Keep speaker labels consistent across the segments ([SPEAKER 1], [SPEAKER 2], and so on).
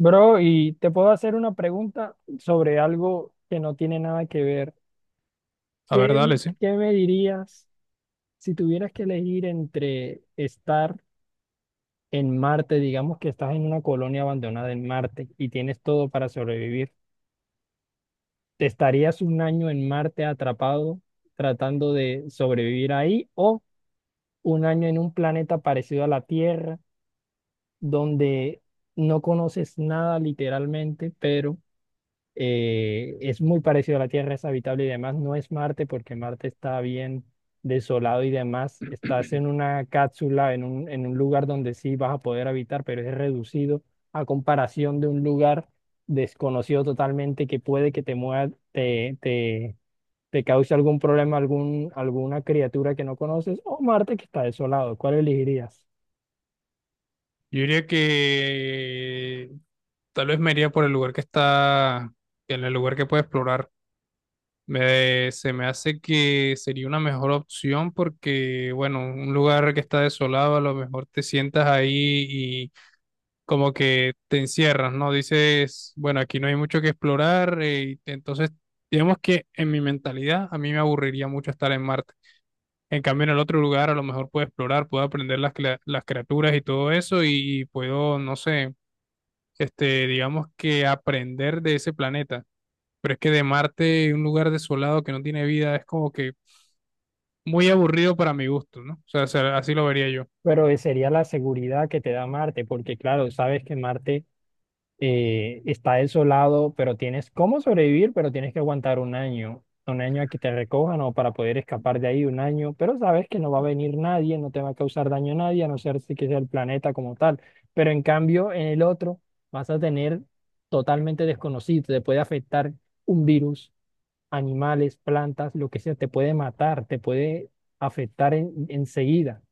[SPEAKER 1] Bro, y te puedo hacer una pregunta sobre algo que no tiene nada que ver.
[SPEAKER 2] A ver,
[SPEAKER 1] ¿Qué,
[SPEAKER 2] dale, sí.
[SPEAKER 1] qué me dirías si tuvieras que elegir entre estar en Marte? Digamos que estás en una colonia abandonada en Marte y tienes todo para sobrevivir. ¿Te estarías un año en Marte atrapado tratando de sobrevivir ahí, o un año en un planeta parecido a la Tierra donde no conoces nada literalmente, pero es muy parecido a la Tierra, es habitable y demás? No es Marte, porque Marte está bien desolado y demás. Estás en una cápsula, en en un lugar donde sí vas a poder habitar, pero es reducido a comparación de un lugar desconocido totalmente, que puede que te mueva, te cause algún problema, alguna criatura que no conoces, o Marte, que está desolado. ¿Cuál elegirías?
[SPEAKER 2] Yo diría que tal vez me iría por el lugar que está, en el lugar que puede explorar. Se me hace que sería una mejor opción porque, bueno, un lugar que está desolado, a lo mejor te sientas ahí y como que te encierras, ¿no? Dices, bueno, aquí no hay mucho que explorar, y entonces, digamos que en mi mentalidad, a mí me aburriría mucho estar en Marte. En cambio, en el otro lugar a lo mejor puedo explorar, puedo aprender las criaturas y todo eso y puedo, no sé, digamos que aprender de ese planeta. Pero es que de Marte, un lugar desolado que no tiene vida, es como que muy aburrido para mi gusto, ¿no? O sea, así lo vería yo.
[SPEAKER 1] Pero sería la seguridad que te da Marte, porque claro, sabes que Marte está desolado, pero tienes cómo sobrevivir. Pero tienes que aguantar un año a que te recojan, o para poder escapar de ahí un año, pero sabes que no va a venir nadie, no te va a causar daño a nadie, a no ser si que sea el planeta como tal. Pero en cambio en el otro vas a tener totalmente desconocido, te puede afectar un virus, animales, plantas, lo que sea, te puede matar, te puede afectar enseguida.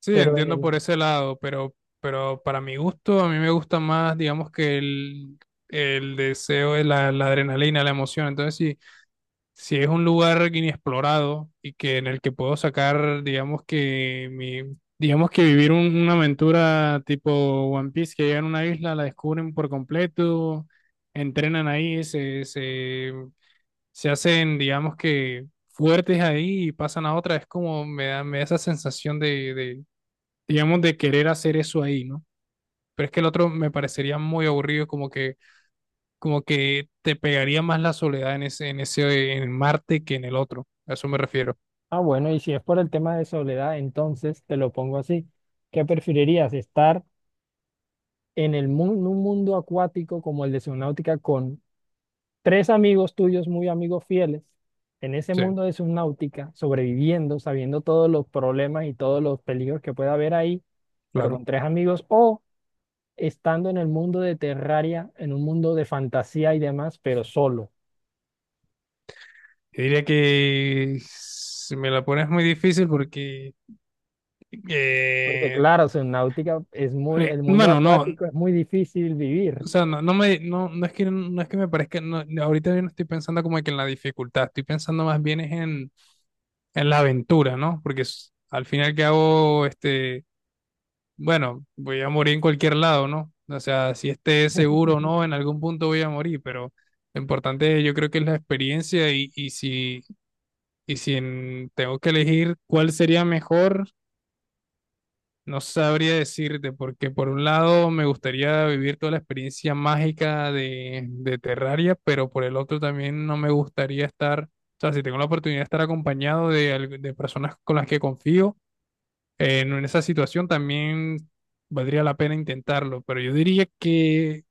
[SPEAKER 2] Sí,
[SPEAKER 1] Pero en
[SPEAKER 2] entiendo
[SPEAKER 1] el...
[SPEAKER 2] por ese lado, pero para mi gusto, a mí me gusta más, digamos que el deseo, la adrenalina, la emoción. Entonces, sí. Si es un lugar inexplorado y que en el que puedo sacar, digamos que mi, digamos que vivir una aventura tipo One Piece, que llegan a una isla, la descubren por completo, entrenan ahí, se hacen, digamos que fuertes ahí y pasan a otra, es como me da esa sensación de, digamos, de querer hacer eso ahí, ¿no? Pero es que el otro me parecería muy aburrido, como que te pegaría más la soledad en ese, en ese, en Marte que en el otro. A eso me refiero.
[SPEAKER 1] Ah, bueno, y si es por el tema de soledad, entonces te lo pongo así. ¿Qué preferirías? ¿Estar en el en un mundo acuático como el de Subnáutica con tres amigos tuyos, muy amigos fieles, en ese
[SPEAKER 2] Sí,
[SPEAKER 1] mundo de Subnáutica, sobreviviendo, sabiendo todos los problemas y todos los peligros que puede haber ahí, pero
[SPEAKER 2] claro.
[SPEAKER 1] con tres amigos, o estando en el mundo de Terraria, en un mundo de fantasía y demás, pero solo?
[SPEAKER 2] Yo diría que si me la pones muy difícil porque,
[SPEAKER 1] Porque
[SPEAKER 2] eh,
[SPEAKER 1] claro, Subnáutica es muy, el mundo
[SPEAKER 2] bueno, no,
[SPEAKER 1] acuático es muy difícil vivir.
[SPEAKER 2] o sea, no, no, no es que, no es que me parezca, no, no, ahorita yo no estoy pensando como que en la dificultad, estoy pensando más bien es en la aventura, ¿no? Porque al final que hago, bueno, voy a morir en cualquier lado, ¿no? O sea, si esté seguro o no, en algún punto voy a morir, pero lo importante yo creo que es la experiencia y, y si tengo que elegir cuál sería mejor, no sabría decirte, porque por un lado me gustaría vivir toda la experiencia mágica de Terraria, pero por el otro también no me gustaría estar, o sea, si tengo la oportunidad de estar acompañado de, de personas con las que confío en esa situación también valdría la pena intentarlo, pero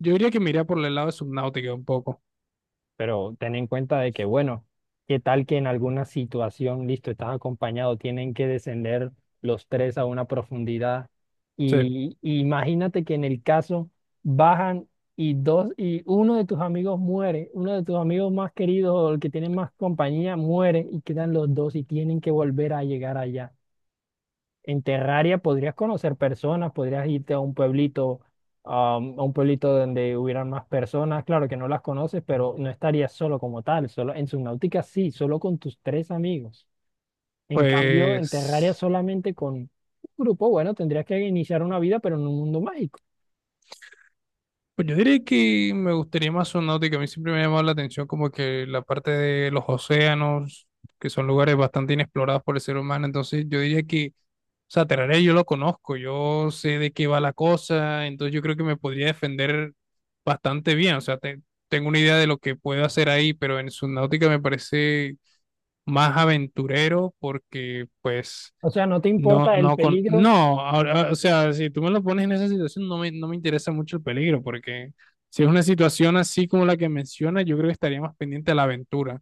[SPEAKER 2] yo diría que me iría por el lado de Subnautica un poco.
[SPEAKER 1] Pero ten en cuenta de que, bueno, qué tal que en alguna situación, listo, estás acompañado, tienen que descender los tres a una profundidad.
[SPEAKER 2] Sí,
[SPEAKER 1] Y imagínate que en el caso bajan, y uno de tus amigos muere, uno de tus amigos más queridos o el que tiene más compañía muere, y quedan los dos y tienen que volver a llegar allá. En Terraria podrías conocer personas, podrías irte a un pueblito, a un pueblito donde hubieran más personas. Claro que no las conoces, pero no estarías solo como tal. Solo en Subnautica sí, solo con tus tres amigos. En cambio, en Terraria
[SPEAKER 2] pues
[SPEAKER 1] solamente con un grupo, bueno, tendrías que iniciar una vida, pero en un mundo mágico.
[SPEAKER 2] pues yo diría que me gustaría más Subnautica, a mí siempre me ha llamado la atención como que la parte de los océanos, que son lugares bastante inexplorados por el ser humano, entonces yo diría que. O sea, Terraria yo lo conozco, yo sé de qué va la cosa, entonces yo creo que me podría defender bastante bien. O sea, tengo una idea de lo que puedo hacer ahí, pero en Subnautica me parece más aventurero porque, pues,
[SPEAKER 1] O sea, no te
[SPEAKER 2] no,
[SPEAKER 1] importa el
[SPEAKER 2] no con.
[SPEAKER 1] peligro.
[SPEAKER 2] No, ahora, o sea, si tú me lo pones en esa situación, no me interesa mucho el peligro, porque si es una situación así como la que mencionas, yo creo que estaría más pendiente a la aventura.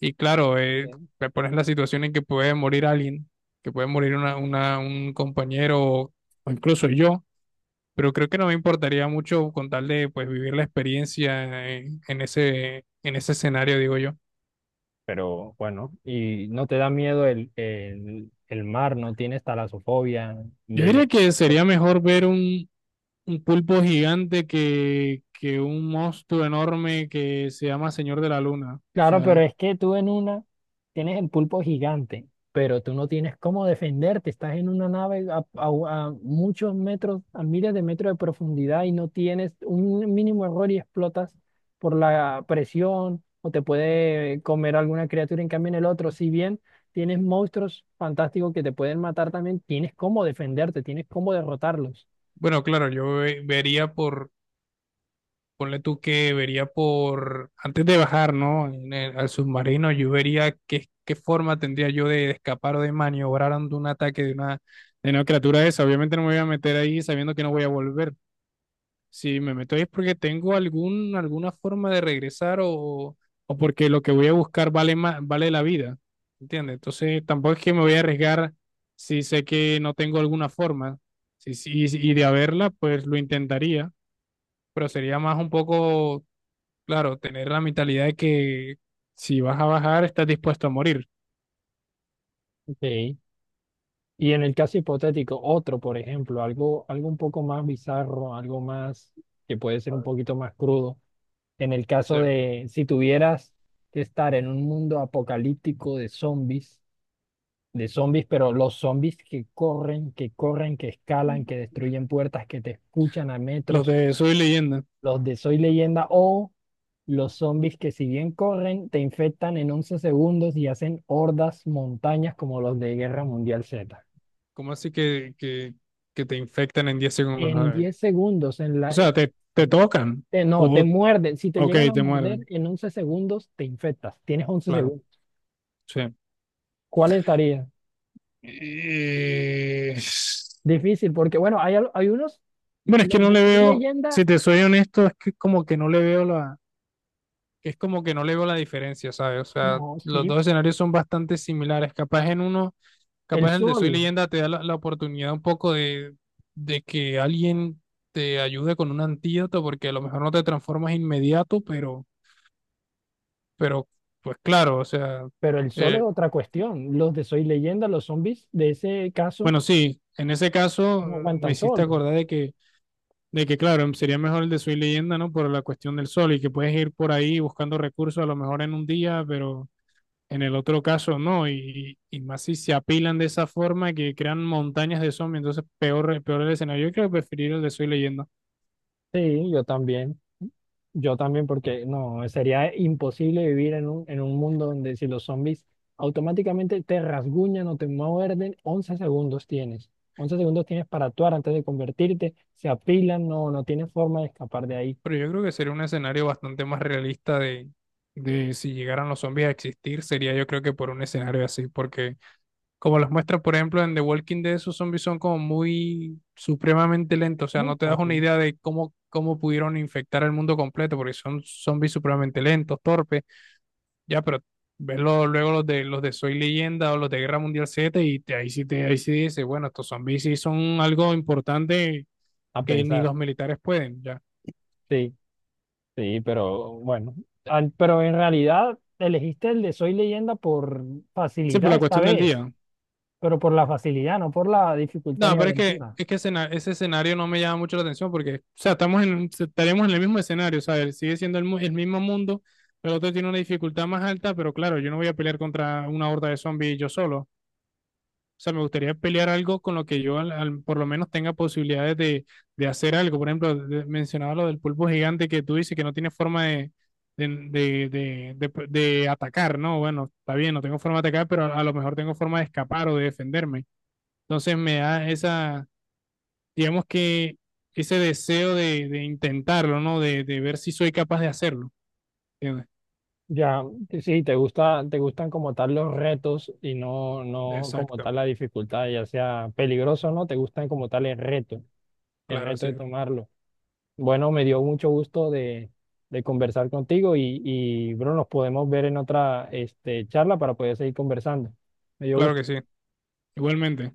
[SPEAKER 2] Y claro,
[SPEAKER 1] Sí.
[SPEAKER 2] te pones en la situación en que puede morir alguien, que puede morir un compañero o incluso yo, pero creo que no me importaría mucho con tal de pues vivir la experiencia en ese escenario, digo yo.
[SPEAKER 1] Pero bueno, ¿y no te da miedo el mar? ¿No tienes talasofobia?
[SPEAKER 2] Yo diría que sería mejor ver un pulpo gigante que un monstruo enorme que se llama Señor de la Luna. O
[SPEAKER 1] Claro, pero
[SPEAKER 2] sea,
[SPEAKER 1] es que tú en una tienes el pulpo gigante, pero tú no tienes cómo defenderte. Estás en una nave a, a muchos metros, a miles de metros de profundidad, y no tienes un mínimo error y explotas por la presión, o te puede comer alguna criatura. En cambio, en el otro, si bien tienes monstruos fantásticos que te pueden matar también, tienes cómo defenderte, tienes cómo derrotarlos.
[SPEAKER 2] bueno, claro, yo vería por. Ponle tú que vería por, antes de bajar, ¿no? Al submarino, yo vería qué, qué forma tendría yo de, escapar o de maniobrar ante un ataque de una criatura de esa. Obviamente no me voy a meter ahí sabiendo que no voy a volver. Si me meto ahí es porque tengo algún, alguna forma de regresar o porque lo que voy a buscar vale más, vale la vida. ¿Entiendes? Entonces tampoco es que me voy a arriesgar si sé que no tengo alguna forma. Sí, sí, y de haberla, pues lo intentaría, pero sería más un poco. Claro, tener la mentalidad de que si vas a bajar, estás dispuesto a morir.
[SPEAKER 1] Ok. Y en el caso hipotético, otro, por ejemplo, algo, algo un poco más bizarro, algo más que puede ser
[SPEAKER 2] O
[SPEAKER 1] un poquito más crudo. En el caso
[SPEAKER 2] sea,
[SPEAKER 1] de si tuvieras que estar en un mundo apocalíptico de zombies, pero los zombies que corren, que corren, que escalan, que destruyen puertas, que te escuchan a
[SPEAKER 2] los
[SPEAKER 1] metros,
[SPEAKER 2] de Soy Leyenda,
[SPEAKER 1] los de Soy Leyenda, o los zombies que si bien corren, te infectan en 11 segundos y hacen hordas, montañas, como los de Guerra Mundial Z.
[SPEAKER 2] ¿cómo así que te infectan en 10 segundos? A
[SPEAKER 1] En
[SPEAKER 2] ver,
[SPEAKER 1] 10 segundos, en
[SPEAKER 2] o
[SPEAKER 1] la...
[SPEAKER 2] sea, te tocan
[SPEAKER 1] No, te
[SPEAKER 2] o,
[SPEAKER 1] muerden. Si te
[SPEAKER 2] ok,
[SPEAKER 1] llegan a
[SPEAKER 2] te
[SPEAKER 1] morder,
[SPEAKER 2] muerden.
[SPEAKER 1] en 11 segundos te infectas. Tienes 11
[SPEAKER 2] Claro,
[SPEAKER 1] segundos.
[SPEAKER 2] sí.
[SPEAKER 1] ¿Cuál estaría?
[SPEAKER 2] Eh,
[SPEAKER 1] Difícil, porque bueno, hay, hay unos,
[SPEAKER 2] Bueno, es que
[SPEAKER 1] los
[SPEAKER 2] no
[SPEAKER 1] de
[SPEAKER 2] le
[SPEAKER 1] Soy
[SPEAKER 2] veo,
[SPEAKER 1] Leyenda,
[SPEAKER 2] si te soy honesto, es que como que no le veo la, es como que no le veo la diferencia, ¿sabes? O sea,
[SPEAKER 1] no,
[SPEAKER 2] los
[SPEAKER 1] sí,
[SPEAKER 2] dos escenarios son bastante similares. Capaz en uno.
[SPEAKER 1] el
[SPEAKER 2] Capaz el de Soy
[SPEAKER 1] sol,
[SPEAKER 2] Leyenda te da la oportunidad un poco de que alguien te ayude con un antídoto, porque a lo mejor no te transformas inmediato, pero pues claro, o sea,
[SPEAKER 1] pero el sol es
[SPEAKER 2] eh,
[SPEAKER 1] otra cuestión. Los de Soy Leyenda, los zombies de ese caso,
[SPEAKER 2] bueno, sí, en ese caso
[SPEAKER 1] no
[SPEAKER 2] mm, me
[SPEAKER 1] aguantan
[SPEAKER 2] hiciste
[SPEAKER 1] sol.
[SPEAKER 2] acordar de que claro, sería mejor el de Soy Leyenda, ¿no? Por la cuestión del sol y que puedes ir por ahí buscando recursos a lo mejor en un día, pero en el otro caso no, y más si se apilan de esa forma que crean montañas de zombies, entonces peor, peor el escenario. Yo creo que preferiría el de Soy Leyenda.
[SPEAKER 1] Sí, yo también. Yo también, porque no, sería imposible vivir en en un mundo donde si los zombies automáticamente te rasguñan o te muerden, 11 segundos tienes. Once segundos tienes para actuar antes de convertirte, se apilan, no, no tienes forma de escapar de ahí.
[SPEAKER 2] Pero yo creo que sería un escenario bastante más realista de si llegaran los zombies a existir, sería yo creo que por un escenario así, porque como los muestra, por ejemplo, en The Walking Dead, esos zombies son como muy supremamente lentos, o sea,
[SPEAKER 1] Muy
[SPEAKER 2] no te das una
[SPEAKER 1] fácil.
[SPEAKER 2] idea de cómo, cómo pudieron infectar el mundo completo, porque son zombies supremamente lentos, torpes, ya, pero ves luego los de Soy Leyenda o los de Guerra Mundial Z y ahí sí te, ahí sí dices, bueno, estos zombies sí son algo importante
[SPEAKER 1] A
[SPEAKER 2] que ni
[SPEAKER 1] pensar,
[SPEAKER 2] los militares pueden, ya.
[SPEAKER 1] sí, sí, pero bueno. Pero en realidad elegiste el de Soy Leyenda por
[SPEAKER 2] Sí, por
[SPEAKER 1] facilidad
[SPEAKER 2] la
[SPEAKER 1] esta
[SPEAKER 2] cuestión del
[SPEAKER 1] vez,
[SPEAKER 2] día.
[SPEAKER 1] pero por la facilidad, no por la dificultad
[SPEAKER 2] No,
[SPEAKER 1] ni
[SPEAKER 2] pero
[SPEAKER 1] aventura.
[SPEAKER 2] es que ese escenario no me llama mucho la atención porque, o sea, estamos en, estaremos en el mismo escenario, o sea, él sigue siendo el, el mismo mundo, pero el otro tiene una dificultad más alta, pero claro, yo no voy a pelear contra una horda de zombies yo solo. O sea, me gustaría pelear algo con lo que yo por lo menos tenga posibilidades de hacer algo. Por ejemplo, mencionaba lo del pulpo gigante que tú dices que no tiene forma de, de, de, de atacar, ¿no? Bueno, está bien, no tengo forma de atacar, pero a lo mejor tengo forma de escapar o de defenderme. Entonces me da esa digamos que ese deseo de intentarlo, ¿no? De ver si soy capaz de hacerlo. ¿Entiendes?
[SPEAKER 1] Ya, que sí, te gusta, te gustan como tal los retos, y no, no como tal
[SPEAKER 2] Exacto,
[SPEAKER 1] la dificultad, ya sea peligroso o no, te gustan como tal el
[SPEAKER 2] claro,
[SPEAKER 1] reto
[SPEAKER 2] así
[SPEAKER 1] de
[SPEAKER 2] es.
[SPEAKER 1] tomarlo. Bueno, me dio mucho gusto de conversar contigo, y, bro, nos podemos ver en otra este, charla para poder seguir conversando. Me dio
[SPEAKER 2] Claro que
[SPEAKER 1] gusto.
[SPEAKER 2] sí. Igualmente.